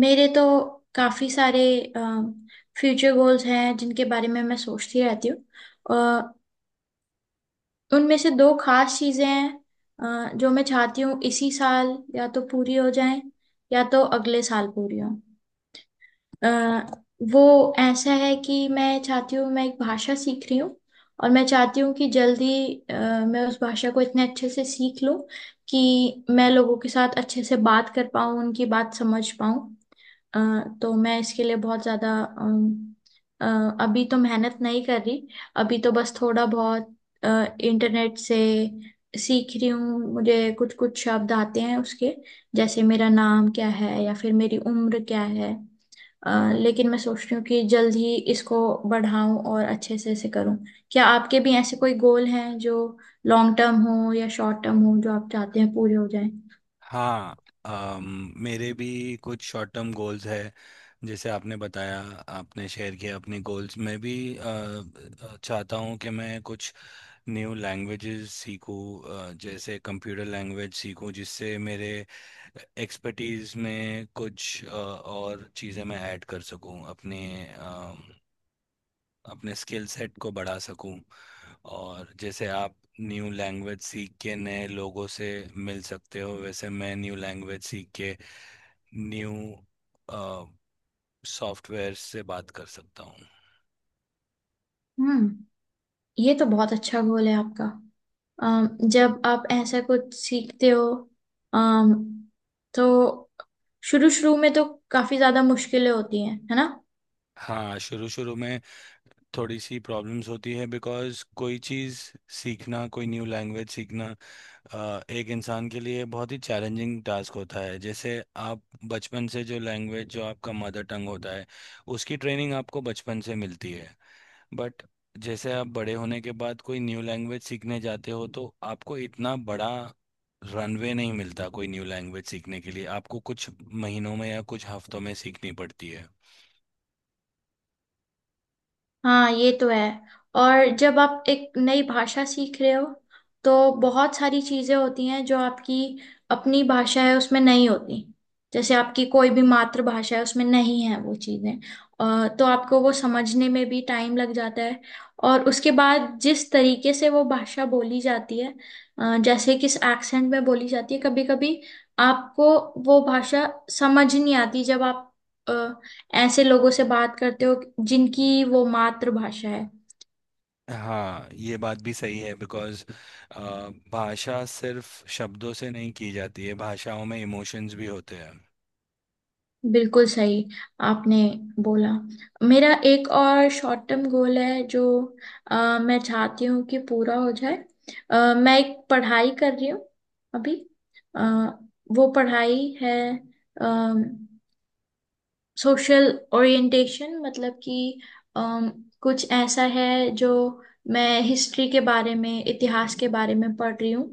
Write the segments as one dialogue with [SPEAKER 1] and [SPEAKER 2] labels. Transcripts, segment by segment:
[SPEAKER 1] मेरे तो काफी सारे फ्यूचर गोल्स हैं जिनके बारे में मैं सोचती रहती हूँ। अ, उनमें से दो खास चीजें हैं जो मैं चाहती हूँ इसी साल या तो पूरी हो जाएं या तो अगले साल पूरी हों। अ, वो ऐसा है कि मैं चाहती हूँ मैं एक भाषा सीख रही हूँ और मैं चाहती हूँ कि जल्दी अ, मैं उस भाषा को इतने अच्छे से सीख लूँ कि मैं लोगों के साथ अच्छे से बात कर पाऊँ उनकी बात समझ पाऊँ। अ, तो मैं इसके लिए बहुत ज़्यादा अम, अभी तो मेहनत नहीं कर रही। अभी तो बस थोड़ा बहुत इंटरनेट से सीख रही हूँ। मुझे कुछ कुछ शब्द आते हैं उसके, जैसे मेरा नाम क्या है या फिर मेरी उम्र क्या है। अ, लेकिन मैं सोच रही हूँ कि जल्द ही इसको बढ़ाऊं और अच्छे से इसे करूं। क्या आपके भी ऐसे कोई गोल हैं जो लॉन्ग टर्म हो या शॉर्ट टर्म हो, जो आप चाहते हैं पूरे हो जाएं?
[SPEAKER 2] हाँ। मेरे भी कुछ शॉर्ट टर्म गोल्स है। जैसे आपने बताया, आपने शेयर किया अपने गोल्स। मैं भी चाहता हूँ कि मैं कुछ न्यू लैंग्वेजेस सीखूँ, जैसे कंप्यूटर लैंग्वेज सीखूँ, जिससे मेरे एक्सपर्टीज में कुछ और चीज़ें मैं ऐड कर सकूँ अपने अपने स्किल सेट को बढ़ा सकूं। और जैसे आप न्यू लैंग्वेज सीख के नए लोगों से मिल सकते हो, वैसे मैं न्यू लैंग्वेज सीख के न्यू सॉफ्टवेयर से बात कर सकता हूँ।
[SPEAKER 1] हम्म ये तो बहुत अच्छा गोल है आपका। जब आप ऐसा कुछ सीखते हो अम, तो शुरू शुरू में तो काफी ज्यादा मुश्किलें होती हैं, है ना?
[SPEAKER 2] हाँ, शुरू शुरू में थोड़ी सी प्रॉब्लम्स होती है बिकॉज कोई चीज़ सीखना, कोई न्यू लैंग्वेज सीखना एक इंसान के लिए बहुत ही चैलेंजिंग टास्क होता है। जैसे आप बचपन से जो लैंग्वेज, जो आपका मदर टंग होता है, उसकी ट्रेनिंग आपको बचपन से मिलती है। बट जैसे आप बड़े होने के बाद कोई न्यू लैंग्वेज सीखने जाते हो तो आपको इतना बड़ा रनवे नहीं मिलता कोई न्यू लैंग्वेज सीखने के लिए, आपको कुछ महीनों में या कुछ हफ्तों में सीखनी पड़ती है।
[SPEAKER 1] हाँ, ये तो है। और जब आप एक नई भाषा सीख रहे हो तो बहुत सारी चीजें होती हैं जो आपकी अपनी भाषा है उसमें नहीं होती। जैसे आपकी कोई भी मातृभाषा है, उसमें नहीं है वो चीजें। तो आपको वो समझने में भी टाइम लग जाता है। और उसके बाद जिस तरीके से वो भाषा बोली जाती है, जैसे किस एक्सेंट में बोली जाती है, कभी कभी आपको वो भाषा समझ नहीं आती जब आप ऐसे लोगों से बात करते हो जिनकी वो मातृभाषा है।
[SPEAKER 2] हाँ, ये बात भी सही है बिकॉज भाषा सिर्फ शब्दों से नहीं की जाती है, भाषाओं में इमोशंस भी होते हैं।
[SPEAKER 1] बिल्कुल सही। आपने बोला। मेरा एक और शॉर्ट टर्म गोल है जो मैं चाहती हूँ कि पूरा हो जाए। मैं एक पढ़ाई कर रही हूँ अभी। अ, वो पढ़ाई है सोशल ओरिएंटेशन, मतलब कि अम, कुछ ऐसा है जो, मैं हिस्ट्री के बारे में, इतिहास के बारे में पढ़ रही हूँ।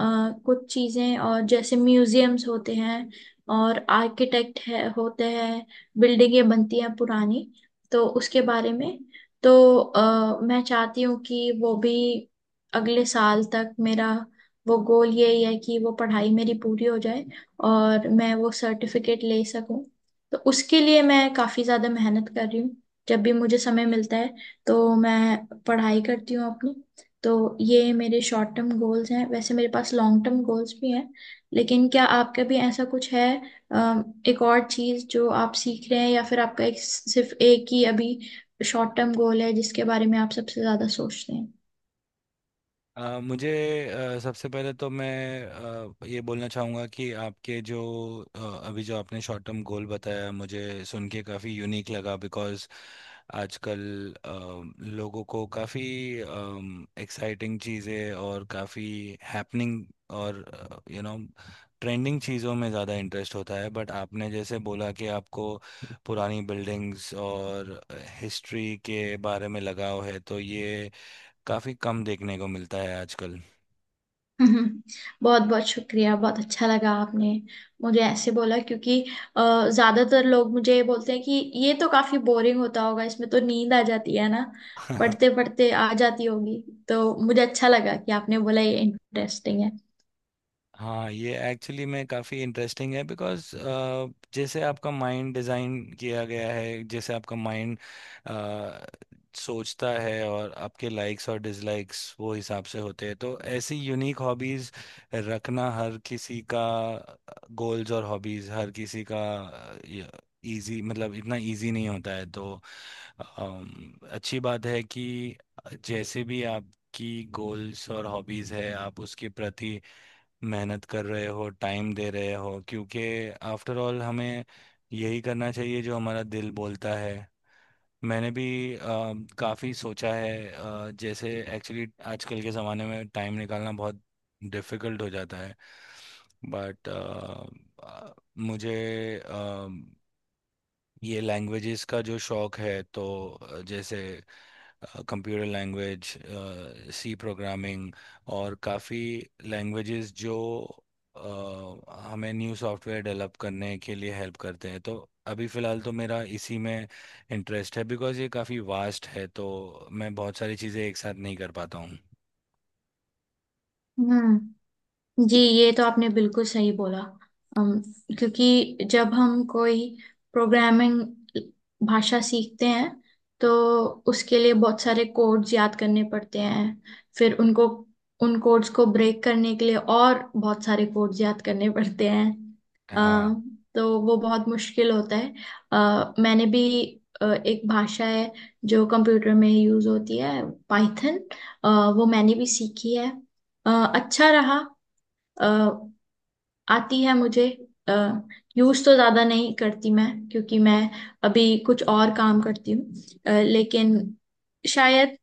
[SPEAKER 1] अ, कुछ चीज़ें और जैसे म्यूजियम्स होते हैं और आर्किटेक्ट है होते हैं, बिल्डिंगें बनती हैं पुरानी, तो उसके बारे में। तो मैं चाहती हूँ कि वो भी अगले साल तक, मेरा वो गोल यही है कि वो पढ़ाई मेरी पूरी हो जाए और मैं वो सर्टिफिकेट ले सकूं। तो उसके लिए मैं काफी ज्यादा मेहनत कर रही हूँ। जब भी मुझे समय मिलता है तो मैं पढ़ाई करती हूँ अपनी। तो ये मेरे शॉर्ट टर्म गोल्स हैं। वैसे मेरे पास लॉन्ग टर्म गोल्स भी हैं, लेकिन क्या आपका भी ऐसा कुछ है? एक और चीज जो आप सीख रहे हैं, या फिर आपका एक, सिर्फ एक ही अभी शॉर्ट टर्म गोल है जिसके बारे में आप सबसे ज्यादा सोचते हैं?
[SPEAKER 2] मुझे सबसे पहले तो मैं ये बोलना चाहूँगा कि आपके जो अ, अभी जो आपने शॉर्ट टर्म गोल बताया, मुझे सुन के काफ़ी यूनिक लगा बिकॉज़ आजकल लोगों को काफ़ी एक्साइटिंग चीज़ें और काफ़ी हैपनिंग और यू नो ट्रेंडिंग चीज़ों में ज़्यादा इंटरेस्ट होता है। बट आपने जैसे बोला कि आपको पुरानी बिल्डिंग्स और हिस्ट्री के बारे में लगाव है, तो ये काफी कम देखने को मिलता है आजकल।
[SPEAKER 1] हम्म, बहुत बहुत शुक्रिया। बहुत अच्छा लगा आपने मुझे ऐसे बोला, क्योंकि अ, ज्यादातर लोग मुझे ये बोलते हैं कि ये तो काफी बोरिंग होता होगा, इसमें तो नींद आ जाती है ना, पढ़ते पढ़ते आ जाती होगी। तो मुझे अच्छा लगा कि आपने बोला ये इंटरेस्टिंग है।
[SPEAKER 2] हाँ, ये एक्चुअली में काफ़ी इंटरेस्टिंग है बिकॉज जैसे आपका माइंड डिज़ाइन किया गया है, जैसे आपका माइंड सोचता है और आपके लाइक्स और डिसलाइक्स वो हिसाब से होते हैं, तो ऐसी यूनिक हॉबीज़ रखना हर किसी का, गोल्स और हॉबीज़ हर किसी का इजी, मतलब इतना इजी नहीं होता है। तो अच्छी बात है कि जैसे भी आपकी गोल्स और हॉबीज है, आप उसके प्रति मेहनत कर रहे हो, टाइम दे रहे हो, क्योंकि आफ्टर ऑल हमें यही करना चाहिए जो हमारा दिल बोलता है। मैंने भी काफ़ी सोचा है, जैसे, एक्चुअली आजकल के ज़माने में टाइम निकालना बहुत डिफ़िकल्ट हो जाता है। बट मुझे अ, ये लैंग्वेजेस का जो शौक है तो जैसे कंप्यूटर लैंग्वेज, सी प्रोग्रामिंग और काफ़ी लैंग्वेजेस जो हमें न्यू सॉफ्टवेयर डेवलप करने के लिए हेल्प करते हैं, तो अभी फ़िलहाल तो मेरा इसी में इंटरेस्ट है बिकॉज़ ये काफ़ी वास्ट है, तो मैं बहुत सारी चीज़ें एक साथ नहीं कर पाता हूँ।
[SPEAKER 1] हम्म जी, ये तो आपने बिल्कुल सही बोला। अम, क्योंकि जब हम कोई प्रोग्रामिंग भाषा सीखते हैं तो उसके लिए बहुत सारे कोड्स याद करने पड़ते हैं। फिर उनको, उन कोड्स को ब्रेक करने के लिए और बहुत सारे कोड्स याद करने पड़ते हैं। अ,
[SPEAKER 2] हाँ।
[SPEAKER 1] तो वो बहुत मुश्किल होता है। मैंने भी एक भाषा है जो कंप्यूटर में यूज होती है, पाइथन, वो मैंने भी सीखी है। अ, अच्छा रहा। अ, आती है मुझे। यूज तो ज्यादा नहीं करती मैं, क्योंकि मैं अभी कुछ और काम करती हूँ। लेकिन शायद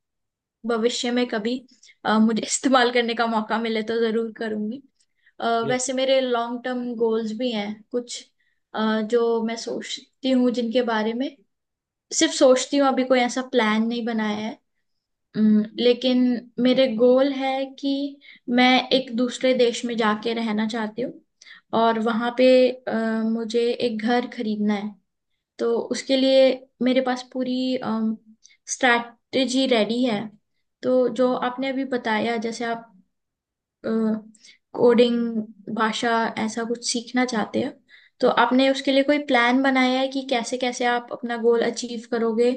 [SPEAKER 1] भविष्य में कभी मुझे इस्तेमाल करने का मौका मिले तो जरूर करूंगी। वैसे मेरे लॉन्ग टर्म गोल्स भी हैं कुछ, जो मैं सोचती हूँ, जिनके बारे में सिर्फ सोचती हूँ, अभी कोई ऐसा प्लान नहीं बनाया है। लेकिन मेरे गोल है कि मैं एक दूसरे देश में जाके रहना चाहती हूँ और वहाँ पे मुझे एक घर खरीदना है। तो उसके लिए मेरे पास पूरी स्ट्रैटेजी रेडी है। तो जो आपने अभी बताया, जैसे आप कोडिंग भाषा ऐसा कुछ सीखना चाहते हो, तो आपने उसके लिए कोई प्लान बनाया है कि कैसे कैसे आप अपना गोल अचीव करोगे,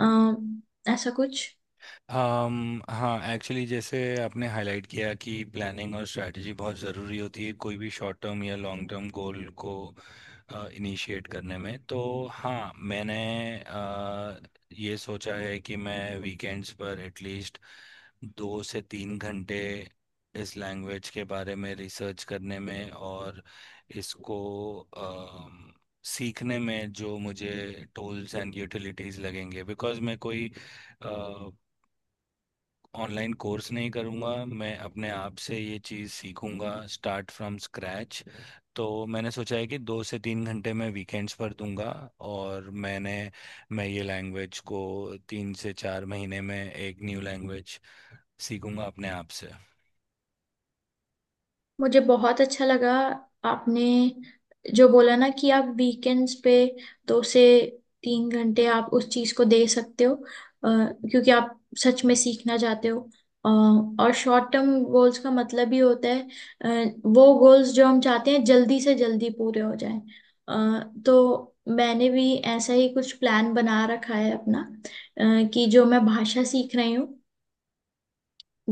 [SPEAKER 1] ऐसा कुछ?
[SPEAKER 2] हाँ, एक्चुअली जैसे आपने हाईलाइट किया कि प्लानिंग और स्ट्रैटेजी बहुत ज़रूरी होती है कोई भी शॉर्ट टर्म या लॉन्ग टर्म गोल को इनिशिएट करने में। तो हाँ, मैंने अ, ये सोचा है कि मैं वीकेंड्स पर एटलीस्ट 2 से 3 घंटे इस लैंग्वेज के बारे में रिसर्च करने में और इसको अम, सीखने में जो मुझे टूल्स एंड यूटिलिटीज लगेंगे, बिकॉज मैं कोई ऑनलाइन कोर्स नहीं करूँगा, मैं अपने आप से ये चीज़ सीखूँगा, स्टार्ट फ्रॉम स्क्रैच। तो मैंने सोचा है कि 2 से 3 घंटे मैं वीकेंड्स पर दूंगा। और मैं ये लैंग्वेज को 3 से 4 महीने में एक न्यू लैंग्वेज सीखूंगा अपने आप से।
[SPEAKER 1] मुझे बहुत अच्छा लगा आपने जो बोला ना, कि आप वीकेंड्स पे 2 से 3 घंटे आप उस चीज को दे सकते हो, क्योंकि आप सच में सीखना चाहते हो। अ, और शॉर्ट टर्म गोल्स का मतलब ही होता है वो गोल्स जो हम चाहते हैं जल्दी से जल्दी पूरे हो जाएं। तो मैंने भी ऐसा ही कुछ प्लान बना रखा है अपना, कि जो मैं भाषा सीख रही हूँ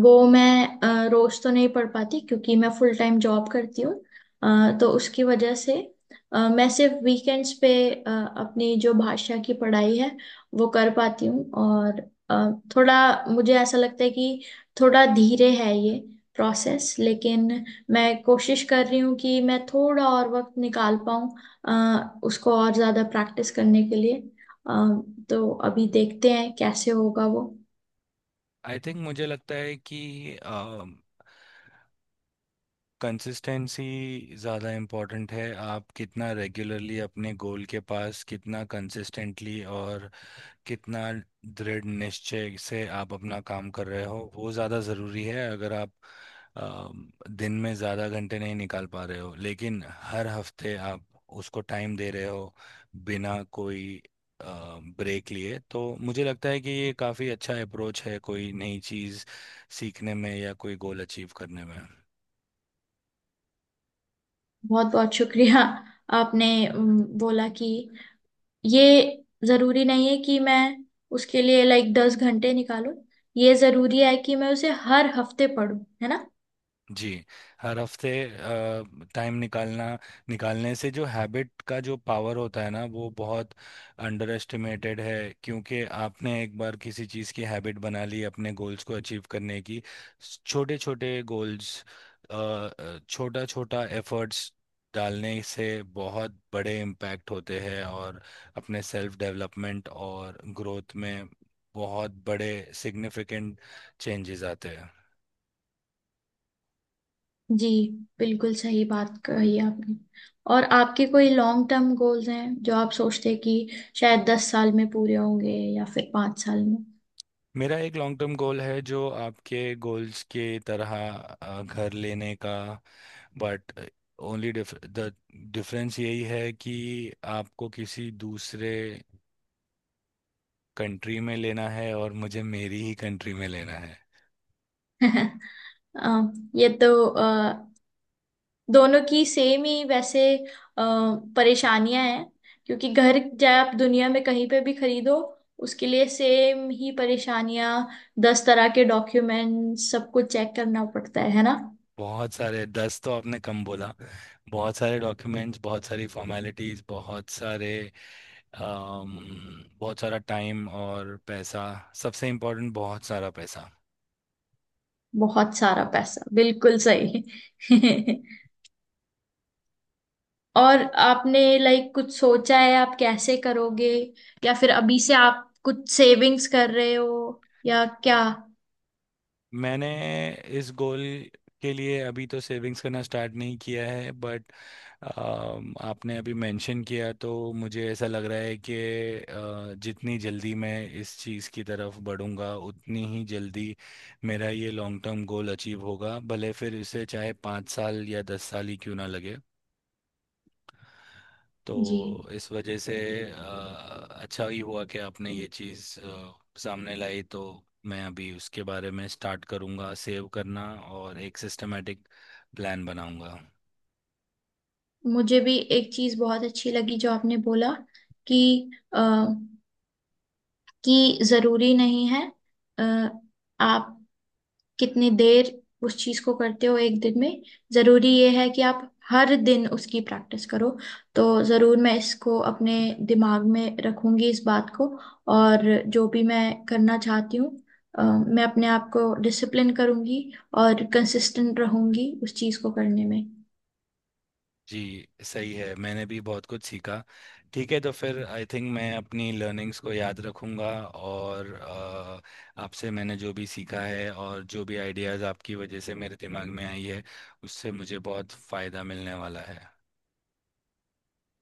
[SPEAKER 1] वो मैं रोज तो नहीं पढ़ पाती, क्योंकि मैं फुल टाइम जॉब करती हूँ। तो उसकी वजह से मैं सिर्फ वीकेंड्स पे अपनी जो भाषा की पढ़ाई है वो कर पाती हूँ। और थोड़ा मुझे ऐसा लगता है कि थोड़ा धीरे है ये प्रोसेस, लेकिन मैं कोशिश कर रही हूँ कि मैं थोड़ा और वक्त निकाल पाऊँ उसको और ज़्यादा प्रैक्टिस करने के लिए। अ, तो अभी देखते हैं कैसे होगा वो।
[SPEAKER 2] आई थिंक, मुझे लगता है कि कंसिस्टेंसी ज़्यादा इम्पोर्टेंट है। आप कितना रेगुलरली अपने गोल के पास, कितना कंसिस्टेंटली और कितना दृढ़ निश्चय से आप अपना काम कर रहे हो, वो ज़्यादा ज़रूरी है। अगर आप अ, दिन में ज़्यादा घंटे नहीं निकाल पा रहे हो, लेकिन हर हफ्ते आप उसको टाइम दे रहे हो बिना कोई ब्रेक लिए, तो मुझे लगता है कि ये काफ़ी अच्छा अप्रोच है कोई नई चीज़ सीखने में या कोई गोल अचीव करने में।
[SPEAKER 1] बहुत बहुत शुक्रिया। आपने बोला कि ये जरूरी नहीं है कि मैं उसके लिए लाइक 10 घंटे निकालूं, ये जरूरी है कि मैं उसे हर हफ्ते पढूं, है ना?
[SPEAKER 2] जी, हर हफ्ते टाइम निकालना निकालने से जो हैबिट का जो पावर होता है ना, वो बहुत अंडर एस्टिमेटेड है। क्योंकि आपने एक बार किसी चीज़ की हैबिट बना ली अपने गोल्स को अचीव करने की, छोटे छोटे गोल्स, छोटा छोटा एफर्ट्स डालने से बहुत बड़े इम्पैक्ट होते हैं और अपने सेल्फ डेवलपमेंट और ग्रोथ में बहुत बड़े सिग्निफिकेंट चेंजेस आते हैं।
[SPEAKER 1] जी, बिल्कुल सही बात कही आपने। और आपके कोई लॉन्ग टर्म गोल्स हैं जो आप सोचते हैं कि शायद 10 साल में पूरे होंगे या फिर 5 साल में?
[SPEAKER 2] मेरा एक लॉन्ग टर्म गोल है जो आपके गोल्स के तरह घर लेने का। बट ओनली द डिफरेंस यही है कि आपको किसी दूसरे कंट्री में लेना है और मुझे मेरी ही कंट्री में लेना है।
[SPEAKER 1] ये तो दोनों की सेम ही वैसे अ, परेशानियां हैं। क्योंकि घर चाहे आप दुनिया में कहीं पे भी खरीदो, उसके लिए सेम ही परेशानियां। 10 तरह के डॉक्यूमेंट, सब कुछ चेक करना पड़ता है ना?
[SPEAKER 2] बहुत सारे 10 तो आपने कम बोला, बहुत सारे डॉक्यूमेंट्स, बहुत सारी फॉर्मेलिटीज, बहुत सारे बहुत सारा टाइम और पैसा, सबसे इम्पोर्टेंट बहुत सारा पैसा।
[SPEAKER 1] बहुत सारा पैसा, बिल्कुल सही। और आपने लाइक कुछ सोचा है आप कैसे करोगे, या फिर अभी से आप कुछ सेविंग्स कर रहे हो, या क्या?
[SPEAKER 2] मैंने इस गोल के लिए अभी तो सेविंग्स करना स्टार्ट नहीं किया है, बट आपने अभी मेंशन किया, तो मुझे ऐसा लग रहा है कि जितनी जल्दी मैं इस चीज़ की तरफ बढ़ूंगा, उतनी ही जल्दी मेरा ये लॉन्ग टर्म गोल अचीव होगा, भले फिर इसे चाहे 5 साल या 10 साल ही क्यों ना लगे।
[SPEAKER 1] जी,
[SPEAKER 2] तो इस वजह से अ, अच्छा ही हुआ कि आपने ये चीज़ सामने लाई, तो मैं अभी उसके बारे में स्टार्ट करूँगा सेव करना और एक सिस्टमेटिक प्लान बनाऊँगा।
[SPEAKER 1] मुझे भी एक चीज बहुत अच्छी लगी जो आपने बोला, कि कि जरूरी नहीं है अ, आप कितनी देर उस चीज को करते हो एक दिन में, जरूरी ये है कि आप हर दिन उसकी प्रैक्टिस करो। तो जरूर मैं इसको अपने दिमाग में रखूंगी, इस बात को। और जो भी मैं करना चाहती हूँ मैं अपने आप को डिसिप्लिन करूंगी और कंसिस्टेंट रहूंगी उस चीज को करने में।
[SPEAKER 2] जी, सही है, मैंने भी बहुत कुछ सीखा। ठीक है, तो फिर आई थिंक मैं अपनी लर्निंग्स को याद रखूँगा और आपसे मैंने जो भी सीखा है और जो भी आइडियाज़ आपकी वजह से मेरे दिमाग में आई है, उससे मुझे बहुत फ़ायदा मिलने वाला है।